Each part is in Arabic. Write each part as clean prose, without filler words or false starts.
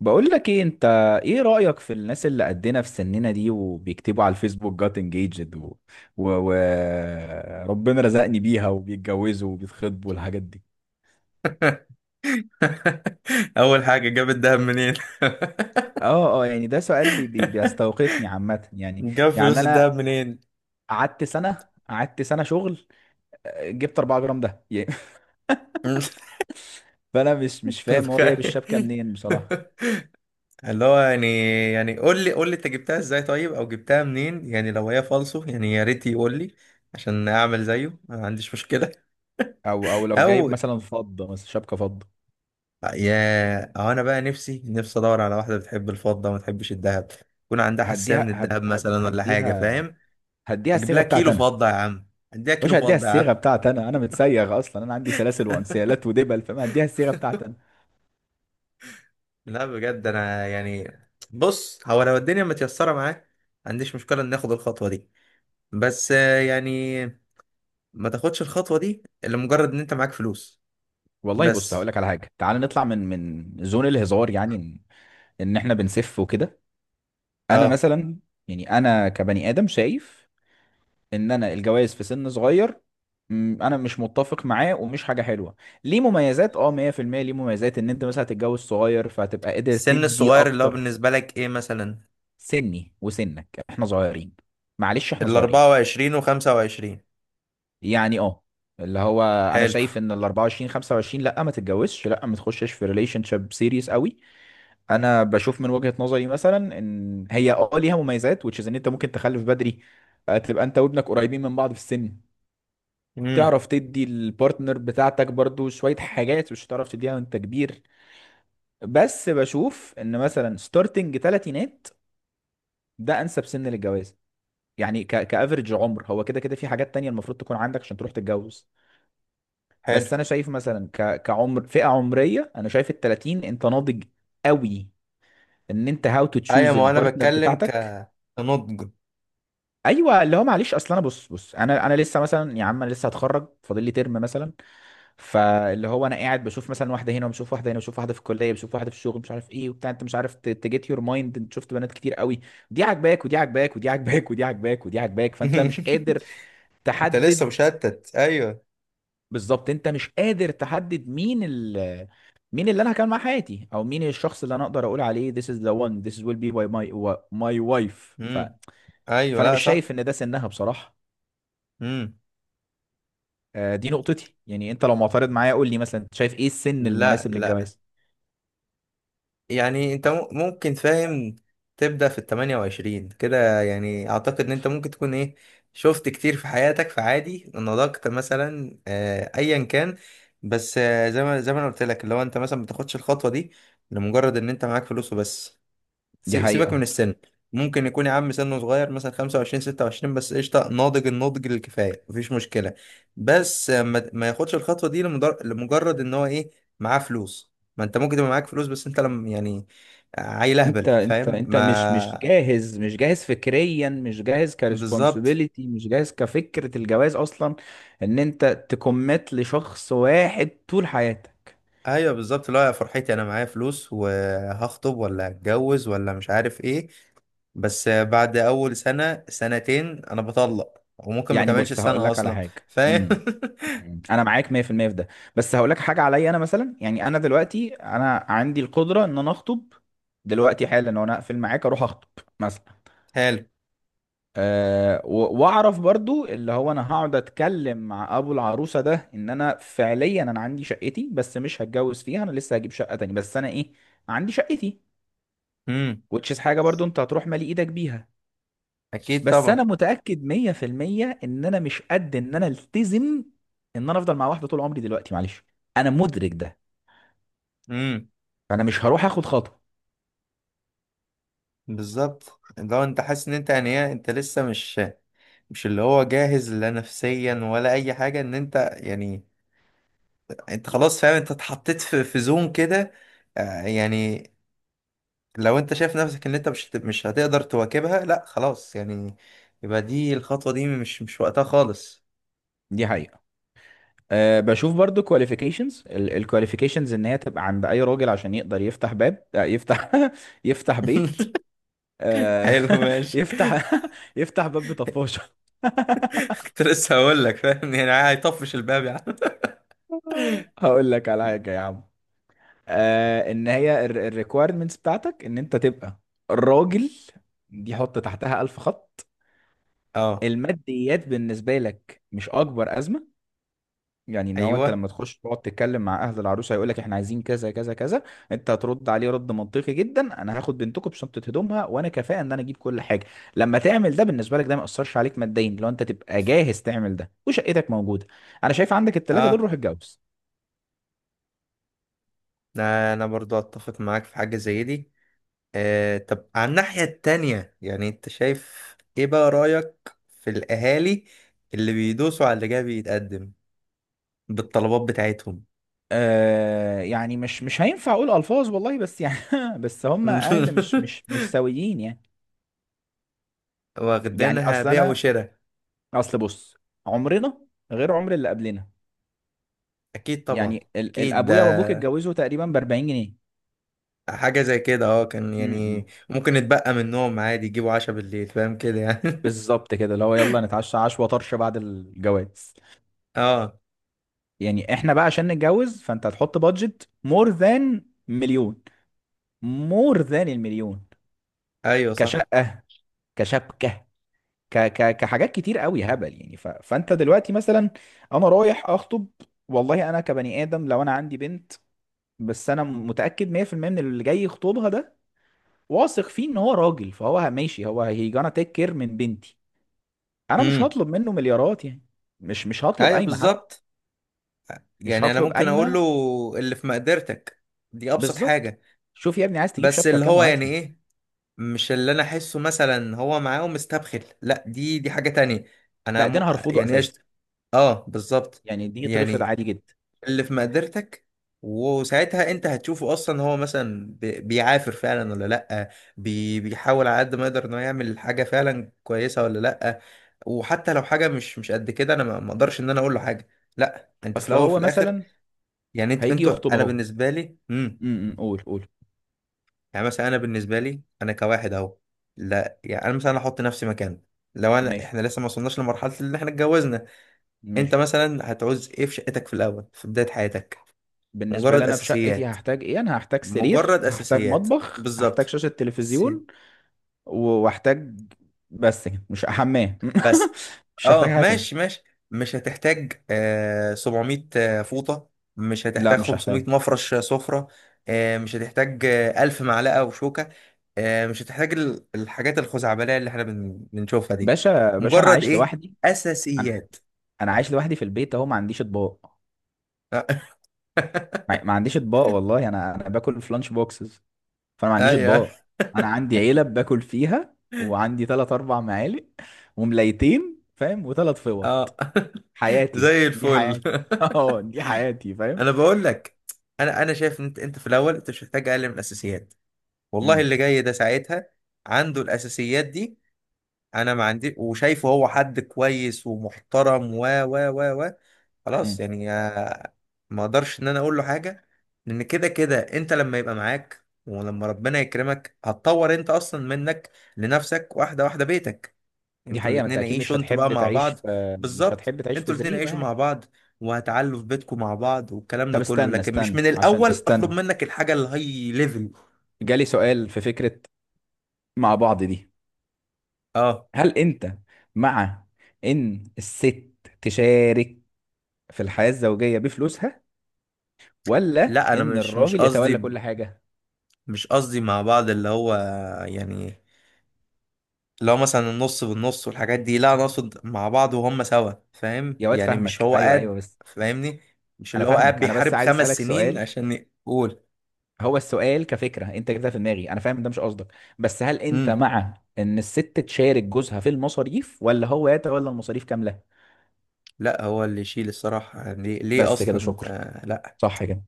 بقول لك ايه انت؟ ايه رأيك في الناس اللي قدنا في سننا دي وبيكتبوا على الفيسبوك جات انجيجد و... و... ربنا رزقني بيها وبيتجوزوا وبيتخطبوا والحاجات دي. اول حاجه جاب الدهب منين؟ اه، يعني ده سؤال بيستوقفني عامة يعني جاب يعني فلوس انا الدهب منين؟ قعدت سنة شغل. جبت 4 جرام ده يعني. فانا مش فاهم هو جايب الشبكة تتخيل، منين بصراحة. اللي هو يعني قول لي انت جبتها ازاي طيب، او جبتها منين، يعني لو هي فالصو، يعني يا ريت يقول لي عشان اعمل زيه، ما عنديش مشكله. او لو جايب او مثلا فضة، مثلا شبكة فضة. او انا بقى نفسي نفسي ادور على واحده بتحب الفضه وما تحبش الذهب، يكون عندها حساسيه هديها من هد... الذهب هد... مثلا ولا حاجه، هديها فاهم. هديها اجيب الصيغة لها بتاعتي كيلو انا. فضه يا عم، اديها مش كيلو هديها فضه يا عم. الصيغه بتاعتي انا، انا متسيغ اصلا، انا عندي سلاسل وانسيالات ودبل، فما هديها الصيغه بتاعتي انا. لا بجد انا يعني، بص هو لو الدنيا متيسره معاه ما عنديش مشكله ان ناخد الخطوه دي، بس يعني، ما تاخدش الخطوه دي الا مجرد ان انت معاك فلوس. والله بص، هقول بس. لك على حاجه. تعال نطلع من زون الهزار، يعني ان إن احنا بنسف وكده. انا اه. مثلا، يعني انا كبني ادم شايف ان انا الجواز في سن صغير، انا مش متفق معاه ومش حاجه حلوه. ليه مميزات، اه 100%، ليه مميزات ان انت مثلا هتتجوز صغير فهتبقى قادر السن تدي الصغير اللي هو اكتر. بالنسبه لك ايه مثلا؟ سني وسنك احنا صغيرين، معلش احنا ال صغيرين. 24 و 25. يعني اه، اللي هو انا حلو. شايف ان ال 24 25 لا ما تتجوزش، لا ما تخشش في ريليشن شيب سيريس قوي. انا بشوف من وجهة نظري مثلا ان هي اه ليها مميزات which is ان انت ممكن تخلف بدري. تبقى انت وابنك قريبين من بعض في السن. امم. تعرف تدي البارتنر بتاعتك برضو شوية حاجات مش هتعرف تديها وانت كبير. بس بشوف ان مثلا ستارتنج تلاتينات، ده انسب سن للجواز. يعني كافريج عمر، هو كده كده في حاجات تانية المفروض تكون عندك عشان تروح تتجوز. حلو. بس انا شايف مثلا كعمر، فئه عمريه انا شايف ال 30 انت ناضج قوي ان انت هاو تو ايوه، تشوز ما هو انا البارتنر بتكلم ك بتاعتك. كنضج. ايوه، اللي هو معلش، اصل انا، بص انا لسه مثلا، يا عم انا لسه هتخرج، فاضل لي ترم مثلا. فاللي هو انا قاعد بشوف مثلا واحده هنا، وبشوف واحده هنا، وبشوف واحده في الكليه، بشوف واحده في الشغل مش عارف ايه وبتاع، انت مش عارف، تجيت يور مايند انت شفت بنات كتير قوي، دي عاجباك ودي عاجباك ودي عاجباك ودي عاجباك ودي عاجباك، فانت مش قادر انت لسه تحدد. مشتت، ايوه. بالظبط، انت مش قادر تحدد مين ال، مين اللي انا هكمل مع حياتي، او مين الشخص اللي انا اقدر اقول عليه this is the one، this will be my my wife. امم. ايوه، فانا لا مش شايف صح. ان ده سنها بصراحة. امم. دي نقطتي، يعني انت لو معترض معايا قول لي مثلا انت شايف ايه السن لا المناسب لا، للجواز. يعني انت ممكن فاهم، تبدأ في الـ28 كده، يعني اعتقد ان انت ممكن تكون ايه، شفت كتير في حياتك فعادي نضجت مثلا، ايا كان. بس زي ما انا قلت لك، اللي هو انت مثلا ما بتاخدش الخطوة دي لمجرد ان انت معاك فلوس وبس. دي سيبك من حقيقة. السن. ممكن يكون يا عم سنه صغير مثلا 25 26، بس قشطه ناضج، النضج الكفايه، مفيش مشكله. بس ما ياخدش الخطوه دي لمجرد ان هو ايه، معاه فلوس. ما انت ممكن تبقى معاك فلوس، بس انت لم يعني عيل اهبل، فاهم انت مش ما. جاهز، مش جاهز فكريا، مش جاهز بالظبط. كريسبونسبيلتي، مش جاهز كفكرة الجواز اصلا، ان انت تكمت لشخص واحد طول حياتك. ايوه، بالظبط. لا يا فرحتي، انا معايا فلوس وهخطب، ولا هتجوز ولا مش عارف ايه، بس بعد اول سنه سنتين انا بطلق، وممكن ما يعني كملش بص، هقول السنه لك على اصلا. حاجه. فاهم. امم انا معاك 100% في المية في ده. بس هقول لك حاجه، عليا انا مثلا، يعني انا دلوقتي انا عندي القدره ان انا اخطب دلوقتي حالا، وانا اقفل معاك اروح اخطب مثلا. حلو. واعرف برضو اللي هو انا هقعد اتكلم مع ابو العروسه ده ان انا فعليا انا عندي شقتي، بس مش هتجوز فيها، انا لسه هجيب شقه تاني، بس انا ايه، عندي شقتي، امم. which is حاجه برضو انت هتروح مالي ايدك بيها. اكيد بس طبعا. انا متاكد 100% ان انا مش قد ان انا التزم ان انا افضل مع واحده طول عمري دلوقتي، معلش انا مدرك ده. امم. فانا مش هروح اخد خطوه. بالظبط، لو انت حاسس ان انت يعني إيه، انت لسه مش اللي هو جاهز لا نفسيا ولا اي حاجه، ان انت يعني، انت خلاص فاهم، انت اتحطيت في زون كده، يعني لو انت شايف نفسك ان انت مش هتقدر تواكبها لا خلاص يعني، يبقى دي الخطوه دي مش وقتها خالص. دي حقيقه. أه، بشوف برضو الكواليفيكيشنز ان هي تبقى عند اي راجل عشان يقدر يفتح باب، يفتح يفتح بيت. أه حلو، ماشي. يفتح يفتح باب بطفاشه كنت لسه هقول لك، فاهم يعني، هيطفش الباب يعني. هقول لك على حاجه يا عم. آه، ان هي الريكويرمنتس بتاعتك ان انت تبقى راجل، دي حط تحتها الف خط. اه. الماديات بالنسبه لك مش اكبر ازمه، يعني ان هو انت ايوه. لما تخش تقعد تتكلم مع اهل العروسه هيقول لك احنا عايزين كذا كذا كذا، انت هترد عليه رد منطقي جدا، انا هاخد بنتكم بشنطه هدومها وانا كفاءه ان انا اجيب كل حاجه. لما تعمل ده، بالنسبه لك ده ما ياثرش عليك ماديا، لو انت تبقى جاهز تعمل ده وشقتك موجوده، انا شايف عندك الثلاثه دول اه. روح اتجوز. أنا برضو اتفق معاك في حاجة زي دي. آه، طب على الناحية التانية، يعني انت شايف ايه بقى رأيك في الاهالي اللي بيدوسوا على اللي جاي بيتقدم بالطلبات بتاعتهم؟ آه، يعني مش هينفع اقول الفاظ والله، بس يعني بس هم اهل مش مش مش سويين يعني. يعني واخدينها اصل بيع انا، وشراء. اصل بص، عمرنا غير عمر اللي قبلنا. اكيد طبعا. يعني اكيد الابويا ده وابوك اتجوزوا تقريبا ب 40 جنيه. حاجة زي كده، كان يعني امم، ممكن يتبقى منهم عادي يجيبوا عشاء بالليل، فاهم كده يعني. بالظبط كده، اللي هو يلا نتعشى عشوة طرش بعد الجواز. اه. يعني احنا بقى عشان نتجوز، فانت هتحط بادجت مور ذان مليون، مور ذان المليون، ايوه صح. كشقة، كشبكة، ك ك كحاجات كتير قوي، هبل يعني. ف فانت دلوقتي مثلا، انا رايح اخطب. والله انا كبني ادم لو انا عندي بنت، بس انا متاكد 100% من اللي جاي يخطبها ده، واثق فيه ان هو راجل، فهو ماشي، هو هي جانا، تيك كير من بنتي، انا مش امم. هطلب منه مليارات يعني. مش هطلب ايوه، قايمه حتى، بالظبط. مش يعني انا هطلب ممكن اقول له: قايمه. اللي في مقدرتك. دي ابسط بالظبط. حاجة. شوف يا ابني، عايز تجيب بس شبكه اللي بكام هو يعني وهاتها. ايه، مش اللي انا احسه مثلا هو معاه ومستبخل، لا دي حاجة تانية. انا لا ده م... انا هرفضه يعني اساسا. قشطة. اه، بالظبط. يعني دي يترفض يعني عادي جدا. اللي في مقدرتك، وساعتها انت هتشوفه اصلا هو مثلا بيعافر فعلا ولا لا، بيحاول على قد ما يقدر انه يعمل حاجة فعلا كويسة ولا لا، وحتى لو حاجة مش قد كده، انا ما اقدرش ان انا اقول له حاجة، لا انت في اصل الاول في هو الاخر. مثلا يعني هيجي انتوا، يخطب انا اهو. بالنسبة لي، امم، قول قول. يعني مثلا انا بالنسبه لي انا كواحد اهو. لا يعني انا مثلا احط نفسي مكانك، لو ماشي احنا لسه ما وصلناش لمرحله اللي احنا اتجوزنا. انت ماشي. مثلا هتعوز ايه في شقتك في الاول في بدايه حياتك؟ بالنسبة لي مجرد أنا في شقتي اساسيات. هحتاج إيه؟ أنا هحتاج سرير، مجرد هحتاج اساسيات. مطبخ، هحتاج بالظبط. شاشة تلفزيون، وهحتاج، بس كده، مش حمام بس، مش هحتاج اه، حاجة تاني، ماشي ماشي. مش هتحتاج 700 فوطة. مش هتحتاج لا مش هحتاج. 500 مفرش سفرة. مش هتحتاج 1000 معلقة وشوكة. مش هتحتاج الحاجات الخزعبلية اللي احنا بنشوفها دي. باشا باشا، أنا مجرد عايش ايه، لوحدي. أنا أساسيات. أنا عايش لوحدي في البيت أهو، ما عنديش أطباق. آه. ما عنديش أطباق والله. أنا باكل في لانش بوكسز، فأنا ما عنديش ايوه، أطباق. أنا عندي علب باكل فيها، وعندي تلات أربع معالق، وملايتين فاهم، وتلات فوط. اه. حياتي، زي دي الفل. حياتي أه دي حياتي، فاهم؟ انا بقول لك، انا شايف ان انت في الاول انت مش محتاج اقل من الاساسيات. والله اللي جاي ده ساعتها عنده الاساسيات دي، انا ما عندي، وشايفه هو حد كويس ومحترم و خلاص مم. يعني، ما اقدرش ان انا اقول له حاجه، لان كده كده انت لما يبقى معاك ولما ربنا يكرمك هتطور انت اصلا منك لنفسك، واحده واحده بيتك. دي انتوا حقيقة، ما انت الاتنين اكيد مش عيشوا، انتوا بقى هتحب مع تعيش بعض. في، مش بالظبط، هتحب تعيش في انتوا الاتنين زريبة عيشوا يعني. مع بعض وهتعلوا في بيتكم مع بعض والكلام ده طب كله، استنى لكن مش استنى من عشان، الاول اطلب استنى، منك الحاجه الهاي ليفل. جالي سؤال في فكرة، مع بعض دي، اه. هل انت مع ان الست تشارك في الحياة الزوجية بفلوسها، ولا لا، انا ان مش مش الراجل يتولى قصدي كل حاجة؟ مش قصدي مع بعض اللي هو يعني، لو مثلا النص بالنص والحاجات دي، لا انا اقصد مع بعض وهم سوا، فاهم يا واد يعني، مش فاهمك، هو ايوه ايوه، قاعد بس فاهمني. مش انا اللي هو قاعد فاهمك، انا بس بيحارب عايز خمس اسألك سنين سؤال. عشان يقول. هو السؤال كفكرة انت جبتها في دماغي، انا فاهم ده مش قصدك، بس هل انت امم. مع ان الست تشارك جوزها في المصاريف، ولا هو يتولى المصاريف كاملة؟ لا، هو اللي يشيل الصراحة، يعني ليه بس كده، اصلا شكرا. ده. لا صح كده،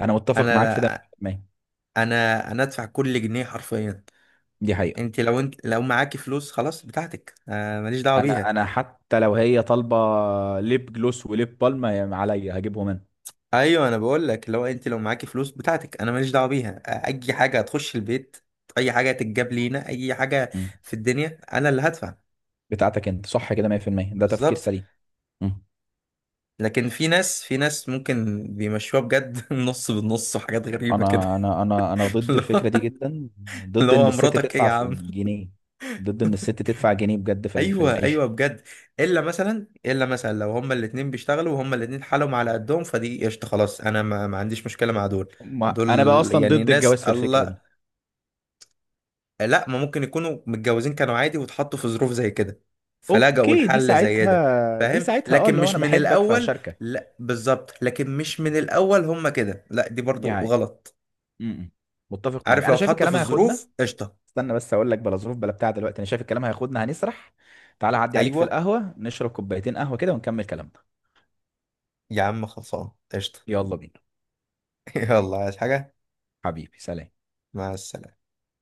انا متفق انا معاك في ده لا 100%. انا انا ادفع كل جنيه حرفيا. دي حقيقة. انت لو معاكي فلوس خلاص بتاعتك، ماليش دعوة انا بيها. انا حتى لو هي طالبة ليب جلوس وليب بالم، عليا هجيبهم انا. ايوه انا بقول لك، لو انت معاكي فلوس بتاعتك انا ماليش دعوة بيها، اي حاجة هتخش البيت، اي حاجة هتتجاب لينا، اي حاجة مم. في الدنيا انا اللي هدفع. بتاعتك انت، صح كده 100%، ده تفكير بالظبط. سليم. مم. لكن في ناس ممكن بيمشوها بجد. نص بالنص، وحاجات غريبة كده. انا ضد اللي الفكرة هو دي جدا، اللي ضد ان هو الست مراتك ايه يا تدفع في عم؟ جنيه، ضد ان الست تدفع جنيه بجد في في ايوه، العيشة. ايوه، بجد. الا مثلا لو هما الاتنين بيشتغلوا وهما الاتنين حالهم على قدهم، فدي قشطه، خلاص، انا ما عنديش مشكله مع دول. ما انا بقى دول اصلا يعني ضد ناس الجواز في الفكرة الله، دي. لا ما ممكن يكونوا متجوزين كانوا عادي واتحطوا في ظروف زي كده، فلجأوا اوكي، دي لحل زي ده. ساعتها دي فاهم، ساعتها اه، لكن اللي هو مش انا من بحبك الاول. فهشاركك لا بالظبط، لكن مش من الاول هما كده، لا دي برضو يعني. غلط. مم. متفق معاك. عارف، لو انا شايف اتحط في الكلام هياخدنا. الظروف قشطه. استنى بس اقول لك، بلا ظروف بلا بتاع دلوقتي، انا شايف الكلام هياخدنا هنسرح. تعالى عدي عليك في ايوه. القهوة، نشرب كوبايتين قهوة كده ونكمل كلامنا. يا عم خلصان قشطه. يلا بينا. يلا، عايز حاجه؟ حبيبي سلام. مع السلامه.